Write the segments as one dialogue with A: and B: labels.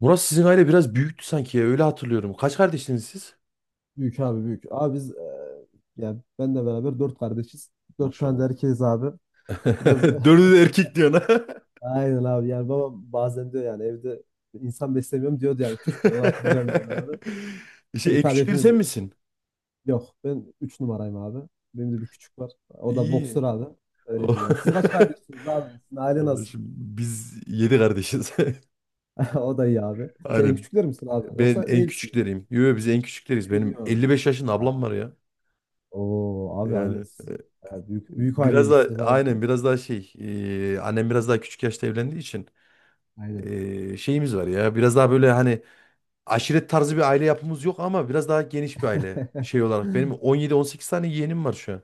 A: Murat sizin aile biraz büyüktü sanki ya, öyle hatırlıyorum. Kaç kardeşsiniz siz?
B: Büyük abi büyük. Abi biz yani benle beraber dört kardeşiz. Dört tane de
A: Maşallah.
B: erkeğiz abi. Biraz
A: Dördü de erkek diyorsun ha.
B: aynen abi, yani babam bazen diyor, yani evde insan beslemiyorum diyordu, yani küçükken onu hatırlıyorum yani abi. Şimdi
A: En
B: tabii
A: küçükleri
B: hepimiz
A: sen misin?
B: yok, ben üç numarayım abi. Benim de bir küçük var. O da boksör
A: İyi.
B: abi. Öyle
A: O-
B: diyeyim yani. Siz kaç kardeşsiniz abi? Sizin aile nasıl?
A: Kardeşim biz yedi kardeşiz.
B: O da iyi abi. Sen en
A: Aynen.
B: küçükler misin abi?
A: Ben
B: Yoksa
A: en
B: değilsin.
A: küçükleriyim. Yo, biz en küçükleriz.
B: Ne
A: Benim
B: diyorsun?
A: 55 yaşında
B: Ha,
A: ablam var ya.
B: oo abi aynen
A: Yani
B: siz, yani büyük büyük
A: biraz da
B: aileymişsiniz
A: aynen
B: harbiden.
A: biraz daha annem biraz daha küçük yaşta evlendiği için
B: Aynen.
A: şeyimiz var ya. Biraz daha böyle hani aşiret tarzı bir aile yapımız yok ama biraz daha geniş bir aile şey olarak. Benim 17-18 tane yeğenim var şu an.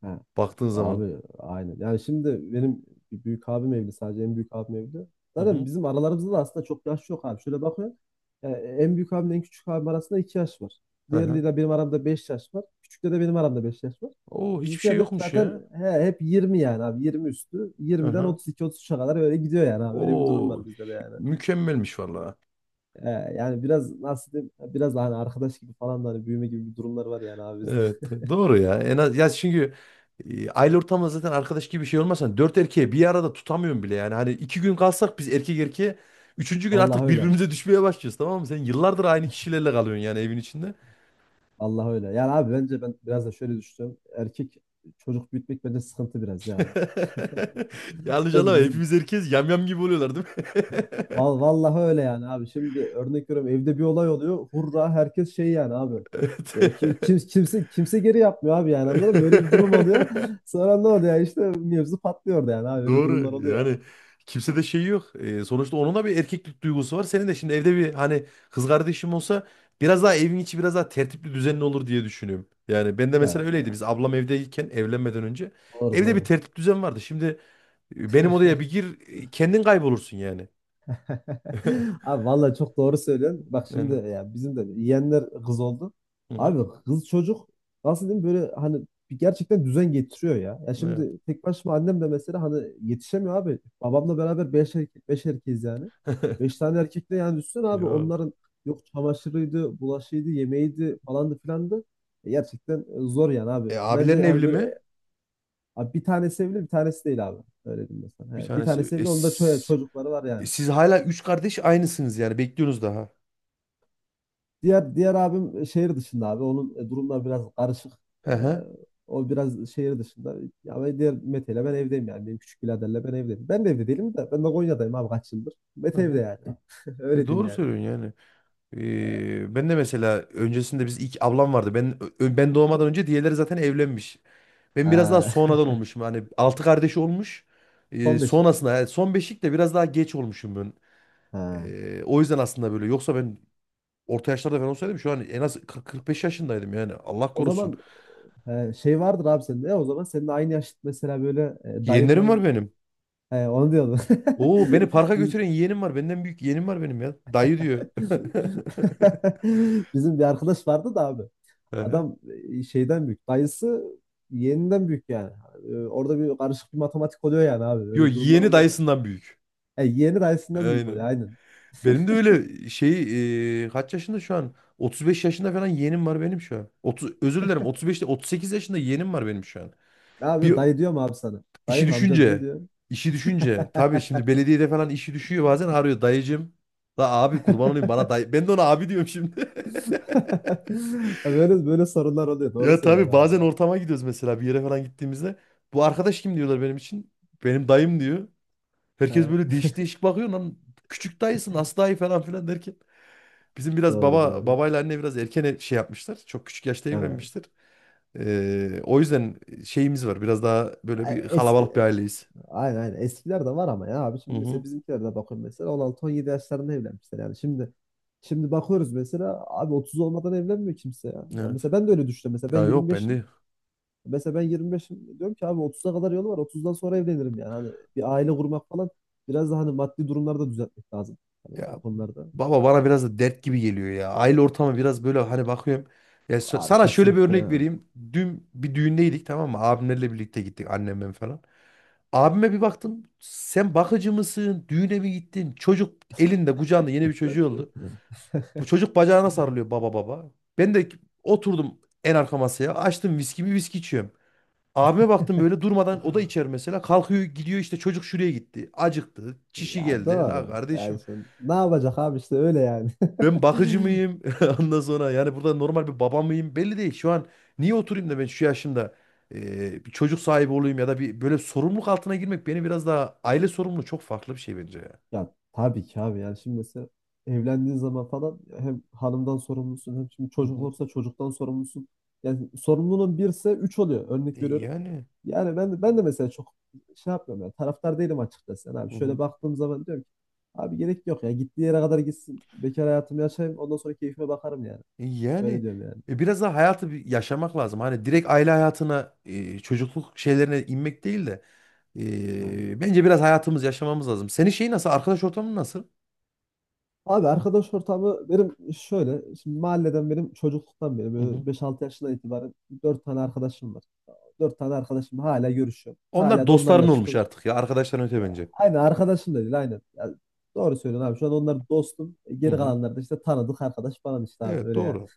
B: Ha.
A: Baktığın zaman.
B: Abi aynen. Yani şimdi benim bir büyük abim evli, sadece en büyük abim evli.
A: Hı
B: Zaten
A: hı.
B: bizim aralarımızda da aslında çok yaş yok abi. Şöyle bakıyorum. Yani en büyük abimle en küçük abim arasında 2 yaş var.
A: Hı hı.
B: Diğerleriyle benim aramda 5 yaş var. Küçükle de benim aramda 5 yaş var.
A: Oo hiçbir şey
B: Bizimkiler de
A: yokmuş ya.
B: zaten he, hep yirmi, yani abi 20 üstü.
A: Hı
B: Yirmiden
A: hı.
B: otuz iki otuz 33'e kadar öyle gidiyor yani abi. Öyle bir durum
A: Oo
B: var bizde de yani.
A: mükemmelmiş vallahi.
B: Ee, yani biraz nasıl diyeyim, biraz da hani arkadaş gibi falan da hani büyüme gibi bir durumlar var yani abi bizde.
A: Evet doğru ya. En az ya çünkü aile ortamında zaten arkadaş gibi bir şey olmasa dört erkeği bir arada tutamıyorum bile yani. Hani iki gün kalsak biz erkek erkeğe üçüncü gün
B: Vallahi
A: artık
B: öyle.
A: birbirimize düşmeye başlıyoruz, tamam mı? Sen yıllardır aynı kişilerle kalıyorsun yani evin içinde.
B: Allah öyle. Yani abi bence ben biraz da şöyle düşünüyorum. Erkek çocuk büyütmek bence sıkıntı biraz ya abi.
A: Yanlış
B: Ben
A: anlama
B: bizim
A: hepimiz herkes yamyam gibi oluyorlar, değil mi?
B: Val- vallahi öyle yani abi. Şimdi örnek veriyorum, evde bir olay oluyor. Hurra, herkes şey yani abi.
A: Evet.
B: Ya ki, kim- kimse kimse geri yapmıyor abi, yani anladın mı? Böyle bir durum oluyor. Sonra ne oluyor, işte mevzu patlıyor da yani abi, böyle durumlar
A: Doğru
B: oluyor.
A: yani kimse de şey yok. Sonuçta onun da bir erkeklik duygusu var. Senin de şimdi evde bir hani kız kardeşim olsa biraz daha evin içi biraz daha tertipli düzenli olur diye düşünüyorum. Yani ben de
B: Ya,
A: mesela
B: ya,
A: öyleydi. Biz
B: ya,
A: ablam evdeyken evlenmeden önce
B: doğru
A: evde bir
B: doğru.
A: tertip düzen vardı. Şimdi benim odaya bir gir kendin kaybolursun yani.
B: Abi vallahi çok doğru söylüyorsun. Bak şimdi,
A: Yani.
B: ya bizim de yeğenler kız oldu.
A: Hı hı.
B: Abi kız çocuk, nasıl diyeyim, böyle hani bir gerçekten düzen getiriyor ya. Ya
A: Evet.
B: şimdi tek başıma annem de mesela hani yetişemiyor abi. Babamla beraber beş erkek, beş erkeğiz yani. Beş tane erkekle yani düşünsene abi,
A: Yok.
B: onların yok çamaşırıydı, bulaşıydı, yemeğiydi, falandı filandı. E gerçekten zor yani abi.
A: E abilerin
B: Bence hani
A: evli
B: böyle
A: mi?
B: abi bir tanesi evli, bir tanesi değil abi. Öyle diyeyim mesela.
A: Bir
B: He, bir
A: tanesi.
B: tanesi
A: E,
B: evli, onda
A: s-
B: çocukları var
A: e,
B: yani.
A: siz hala üç kardeş aynısınız yani. Bekliyorsunuz daha.
B: Diğer abim şehir dışında abi. Onun durumları biraz karışık.
A: Hı
B: Ee,
A: hı.
B: o biraz şehir dışında. Ya ben diğer Mete ile ben evdeyim yani. Benim küçük biraderle ben evdeyim. Ben de evde değilim de. Ben de Konya'dayım abi kaç yıldır.
A: Hı
B: Mete evde
A: hı.
B: yani.
A: E,
B: Öyle diyeyim
A: doğru
B: yani.
A: söylüyorsun yani. E, ben de mesela öncesinde biz ilk ablam vardı. Ben doğmadan önce diğerleri zaten evlenmiş. Ben biraz daha sonradan
B: Ha.
A: olmuşum. Hani altı kardeş olmuş. E,
B: Son beşik.
A: sonrasında yani son beşik de biraz daha geç olmuşum ben.
B: Ha.
A: E, o yüzden aslında böyle. Yoksa ben orta yaşlarda falan olsaydım şu an en az 40-45 yaşındaydım yani. Allah
B: O
A: korusun.
B: zaman şey vardır abi sende. Ya o zaman senin aynı yaşıt mesela böyle dayın
A: Yeğenlerim var
B: mayın.
A: benim.
B: He, onu diyordum.
A: Oo beni parka
B: Biz...
A: götüren yeğenim var. Benden büyük yeğenim var benim ya. Dayı diyor.
B: Bizim bir arkadaş vardı da abi.
A: Aha.
B: Adam şeyden büyük. Dayısı yeğeninden büyük yani. Orada bir karışık bir matematik oluyor yani abi.
A: Yo,
B: Öyle durumlar
A: yeğeni
B: oluyor.
A: dayısından büyük.
B: E, yeğeni dayısından büyük oluyor
A: Aynen.
B: aynen.
A: Benim de öyle kaç yaşında şu an? 35 yaşında falan yeğenim var benim şu an. 30, özür dilerim 35 değil, 38 yaşında yeğenim var benim şu an.
B: Ne
A: Bir
B: yapıyor? Dayı diyor mu abi sana?
A: işi
B: Dayı mı, amcam ne
A: düşünce
B: diyor?
A: işi düşünce tabii şimdi belediyede falan işi düşüyor bazen arıyor dayıcım. La abi kurban olayım bana dayı. Ben de ona abi diyorum şimdi.
B: Böyle böyle sorunlar oluyor. Doğru
A: Ya tabii
B: söylüyorsun abi
A: bazen
B: ya.
A: ortama gidiyoruz mesela bir yere falan gittiğimizde. Bu arkadaş kim diyorlar benim için. Benim dayım diyor. Herkes
B: Evet,
A: böyle değişik değişik bakıyor lan. Küçük dayısı nasıl dayı falan filan derken. Bizim biraz
B: doğru
A: baba
B: doğru.
A: babayla anne biraz erken şey yapmışlar. Çok küçük yaşta evlenmişler. O yüzden şeyimiz var. Biraz daha böyle bir
B: Evet.
A: kalabalık bir aileyiz.
B: Aynen aynen. Eskiler de var ama ya abi.
A: Hı
B: Şimdi
A: hı.
B: mesela bizimkilerde bakın, mesela 16 17 yaşlarında evlenmişler yani. Şimdi bakıyoruz mesela abi 30 olmadan evlenmiyor kimse ya. Ya
A: Evet.
B: mesela ben de öyle düşünüyorum.
A: Ya yok bende.
B: Mesela ben yirmi beşim. Diyorum ki abi, 30'a kadar yolu var. Otuzdan sonra evlenirim yani. Hani bir aile kurmak falan, biraz da hani maddi durumları da düzeltmek lazım bu
A: Ya
B: konularda.
A: baba bana biraz da dert gibi geliyor ya. Aile ortamı biraz böyle hani bakıyorum. Ya
B: Abi
A: sana şöyle bir
B: kesinlikle
A: örnek
B: ya.
A: vereyim. Dün bir düğündeydik, tamam mı? Abimlerle birlikte gittik annemle falan. Abime bir baktım. Sen bakıcı mısın? Düğüne mi gittin? Çocuk elinde kucağında, yeni bir çocuğu oldu. Bu çocuk bacağına sarılıyor, baba baba. Ben de oturdum en arka masaya. Açtım viskimi, viski içiyorum. Abime baktım böyle durmadan, o da içer mesela. Kalkıyor gidiyor işte, çocuk şuraya gitti. Acıktı. Çişi
B: Ya
A: geldi. La
B: doğru. Yani
A: kardeşim.
B: şimdi ne yapacak abi, işte öyle yani.
A: Ben bakıcı mıyım? Ondan sonra yani burada normal bir baba mıyım? Belli değil. Şu an niye oturayım da ben şu yaşımda bir çocuk sahibi olayım ya da bir böyle sorumluluk altına girmek, beni biraz daha aile sorumluluğu çok farklı bir şey bence ya.
B: Ya tabii ki abi, yani şimdi mesela evlendiğin zaman falan hem hanımdan sorumlusun, hem şimdi
A: Hı
B: çocuk
A: hı.
B: olursa çocuktan sorumlusun. Yani sorumluluğun birse üç oluyor,
A: E,
B: örnek veriyorum.
A: yani
B: Yani ben de mesela çok şey yapmıyorum, yani taraftar değilim açıkçası. Yani abi
A: hı
B: şöyle
A: hı.
B: baktığım zaman diyorum ki abi gerek yok ya, gittiği yere kadar gitsin, bekar hayatımı yaşayayım, ondan sonra keyfime bakarım yani.
A: E,
B: Böyle
A: yani
B: diyorum yani.
A: biraz daha hayatı bir yaşamak lazım. Hani direkt aile hayatına çocukluk şeylerine inmek değil de
B: Aynen.
A: bence biraz hayatımızı yaşamamız lazım. Senin şeyi nasıl? Arkadaş ortamın nasıl?
B: Abi arkadaş ortamı benim şöyle, şimdi mahalleden benim çocukluktan beri,
A: Hı hı.
B: böyle 5-6 yaşından itibaren 4 tane arkadaşım var. Dört tane arkadaşım hala görüşüyorum.
A: Onlar
B: Hala da onlarla
A: dostların olmuş
B: çıkıyoruz.
A: artık ya. Arkadaşların öte bence.
B: Aynen arkadaşım da değil aynen. Ya, doğru söylüyorsun abi. Şu an onlar dostum. E,
A: Hı
B: geri
A: hı.
B: kalanlar da işte tanıdık arkadaş falan işte abi,
A: Evet
B: öyle yani.
A: doğru.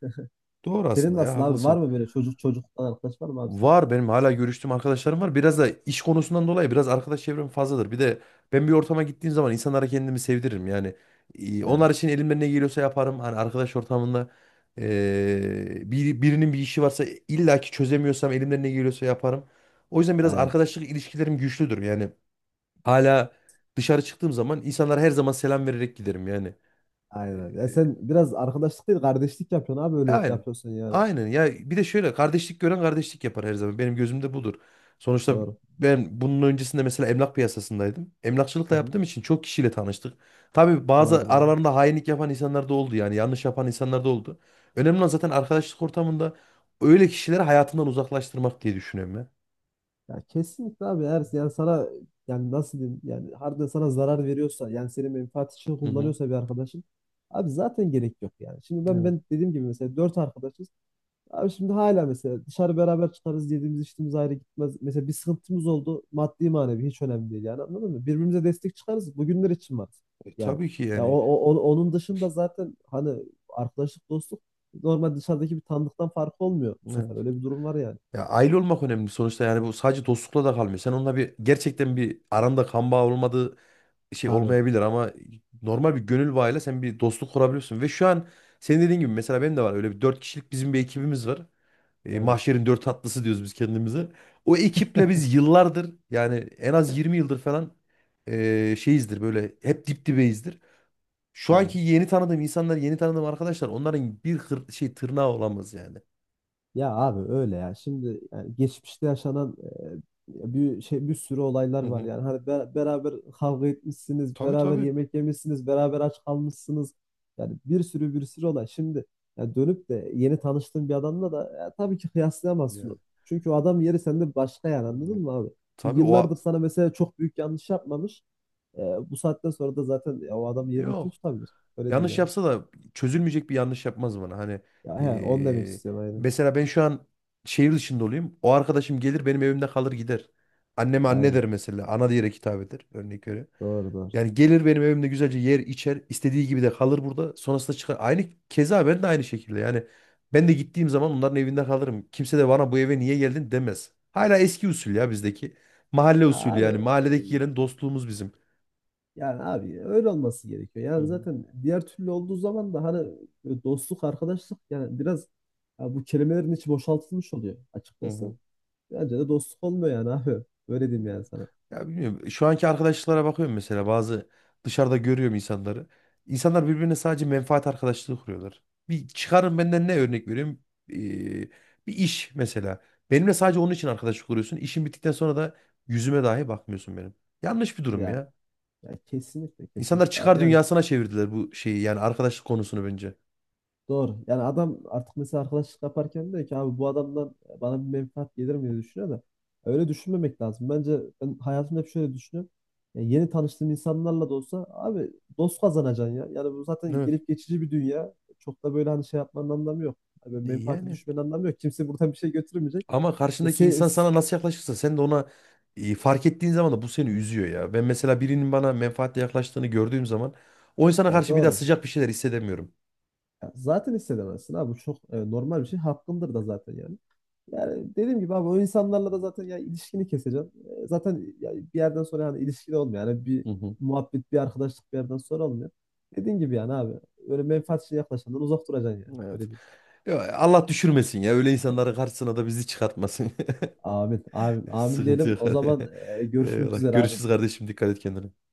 A: Doğru
B: Senin
A: aslında ya,
B: nasıl abi? Var
A: haklısın.
B: mı böyle çocuk çocuktan arkadaş var mı abi senin?
A: Var benim hala görüştüğüm arkadaşlarım var. Biraz da iş konusundan dolayı biraz arkadaş çevrem fazladır. Bir de ben bir ortama gittiğim zaman insanlara kendimi sevdiririm. Yani
B: He,
A: onlar için elimden ne geliyorsa yaparım. Hani arkadaş ortamında birinin bir işi varsa illaki çözemiyorsam elimden ne geliyorsa yaparım. O yüzden biraz
B: aynen.
A: arkadaşlık ilişkilerim güçlüdür. Yani hala dışarı çıktığım zaman insanlara her zaman selam vererek giderim yani. E,
B: Aynen. Ya sen
A: e,
B: biraz arkadaşlık değil kardeşlik yapıyorsun abi, öyle
A: Aynen.
B: yapıyorsun yani.
A: Aynen ya, bir de şöyle: kardeşlik gören kardeşlik yapar her zaman. Benim gözümde budur. Sonuçta
B: Doğru.
A: ben bunun öncesinde mesela emlak piyasasındaydım.
B: Hı
A: Emlakçılıkla
B: hı.
A: yaptığım için çok kişiyle tanıştık. Tabii bazı
B: Doğru doğru.
A: aralarında hainlik yapan insanlar da oldu yani yanlış yapan insanlar da oldu. Önemli olan zaten arkadaşlık ortamında öyle kişileri hayatından uzaklaştırmak diye düşünüyorum ya.
B: Ya kesinlikle abi, eğer yani sana, yani nasıl diyeyim, yani harbiden sana zarar veriyorsa, yani senin menfaat için
A: Hı hı.
B: kullanıyorsa bir arkadaşın, abi zaten gerek yok yani. Şimdi ben
A: Evet.
B: ben dediğim gibi mesela dört arkadaşız. Abi şimdi hala mesela dışarı beraber çıkarız, yediğimiz içtiğimiz ayrı gitmez. Mesela bir sıkıntımız oldu maddi manevi, hiç önemli değil yani anladın mı? Birbirimize destek çıkarız, bugünler için varız
A: E,
B: yani.
A: tabii ki
B: Ya o,
A: yani.
B: o- o- onun dışında zaten hani arkadaşlık, dostluk normal dışarıdaki bir tanıdıktan farkı olmuyor bu
A: Evet.
B: sefer, öyle bir durum var yani.
A: Ya aile olmak önemli sonuçta, yani bu sadece dostlukla da kalmıyor. Sen onunla bir gerçekten bir aranda kan bağı olmadığı şey
B: Tabii
A: olmayabilir ama normal bir gönül bağıyla sen bir dostluk kurabiliyorsun. Ve şu an senin dediğin gibi mesela benim de var öyle bir dört kişilik bizim bir ekibimiz var. E,
B: yani.
A: mahşerin dört tatlısı diyoruz biz kendimize. O ekiple biz yıllardır yani en az 20 yıldır falan şeyizdir, böyle hep dip dibeyizdir. Şu anki yeni tanıdığım insanlar, yeni tanıdığım arkadaşlar onların bir şey tırnağı olamaz yani.
B: Ya abi öyle ya. Şimdi yani geçmişte yaşanan bir şey, bir sürü olaylar
A: Hı
B: var
A: hı.
B: yani. Hani beraber kavga etmişsiniz,
A: Tabii
B: beraber
A: tabii.
B: yemek yemişsiniz, beraber aç kalmışsınız. Yani bir sürü bir sürü olay. Şimdi ya dönüp de yeni tanıştığın bir adamla da ya tabii ki kıyaslayamazsın
A: Ya.
B: onu. Çünkü o adam yeri sende başka, yani
A: Hmm.
B: anladın mı abi? Bir
A: Tabii
B: yıllardır
A: o
B: sana mesela çok büyük yanlış yapmamış. E, bu saatten sonra da zaten ya o adam yerini kim
A: yok.
B: tutabilir? Öyle diyeyim
A: Yanlış
B: yani.
A: yapsa da çözülmeyecek bir yanlış yapmaz bana. Hani
B: Ya he, onu demek
A: eee,
B: istiyorum aynen.
A: mesela ben şu an şehir dışında olayım. O arkadaşım gelir benim evimde kalır gider. Anneme anne
B: Aynen.
A: der mesela. Ana diyerek hitap eder, örnek öyle.
B: Doğru doğru.
A: Yani gelir benim evimde güzelce yer içer. İstediği gibi de kalır burada. Sonrasında çıkar. Aynı keza ben de aynı şekilde. Yani ben de gittiğim zaman onların evinde kalırım. Kimse de bana bu eve niye geldin demez. Hala eski usul ya bizdeki. Mahalle
B: Ya
A: usulü
B: abi,
A: yani. Mahalledeki gelen dostluğumuz bizim.
B: yani abi öyle olması gerekiyor.
A: Hı
B: Yani
A: hı.
B: zaten diğer türlü olduğu zaman da hani böyle dostluk, arkadaşlık yani biraz, ya bu kelimelerin içi boşaltılmış oluyor
A: Hı
B: açıkçası.
A: hı.
B: Bence de dostluk olmuyor yani abi. Öyle diyeyim
A: Ya,
B: yani sana.
A: ya bilmiyorum. Şu anki arkadaşlıklara bakıyorum mesela bazı dışarıda görüyorum insanları. İnsanlar birbirine sadece menfaat arkadaşlığı kuruyorlar. Bir çıkarın benden, ne örnek vereyim? Ee, bir iş mesela. Benimle sadece onun için arkadaşlık kuruyorsun. İşin bittikten sonra da yüzüme dahi bakmıyorsun benim. Yanlış bir durum
B: Yani,
A: ya.
B: yani kesinlikle
A: İnsanlar
B: kesinlikle abi.
A: çıkar
B: Yani
A: dünyasına çevirdiler bu şeyi yani arkadaşlık konusunu bence.
B: doğru. Yani adam artık mesela arkadaşlık yaparken diyor ki abi, bu adamdan bana bir menfaat gelir mi diye düşünüyor da, öyle düşünmemek lazım. Bence ben hayatımda hep şöyle düşünüyorum. Yani yeni tanıştığım insanlarla da olsa abi, dost kazanacaksın ya. Yani bu zaten
A: Evet.
B: gelip geçici bir dünya. Çok da böyle hani şey yapmanın anlamı yok. Abi
A: E
B: menfaate
A: yani.
B: düşmenin anlamı yok. Kimse buradan bir şey götürmeyecek.
A: Ama
B: Ya,
A: karşındaki insan sana nasıl yaklaşırsa sen de ona fark ettiğin zaman da bu seni üzüyor ya. Ben mesela birinin bana menfaatle yaklaştığını gördüğüm zaman o insana
B: yani
A: karşı bir daha
B: doğru.
A: sıcak bir şeyler hissedemiyorum.
B: Ya zaten hissedemezsin abi. Bu çok normal bir şey. Hakkındır da zaten yani. Yani dediğim gibi abi, o insanlarla da zaten ya ilişkini keseceğim. Zaten ya bir yerden sonra yani ilişkili olmuyor. Yani bir
A: Hı hı.
B: muhabbet, bir arkadaşlık bir yerden sonra olmuyor. Dediğim gibi yani abi, öyle menfaatçi yaklaşandan uzak duracaksın yani.
A: Evet.
B: Öyle değil.
A: Ya Allah düşürmesin ya, öyle insanların karşısına da bizi çıkartmasın.
B: Amin, amin, amin
A: Sıkıntı
B: diyelim.
A: yok.
B: O zaman görüşmek
A: Eyvallah.
B: üzere abi.
A: Görüşürüz kardeşim, dikkat et kendine.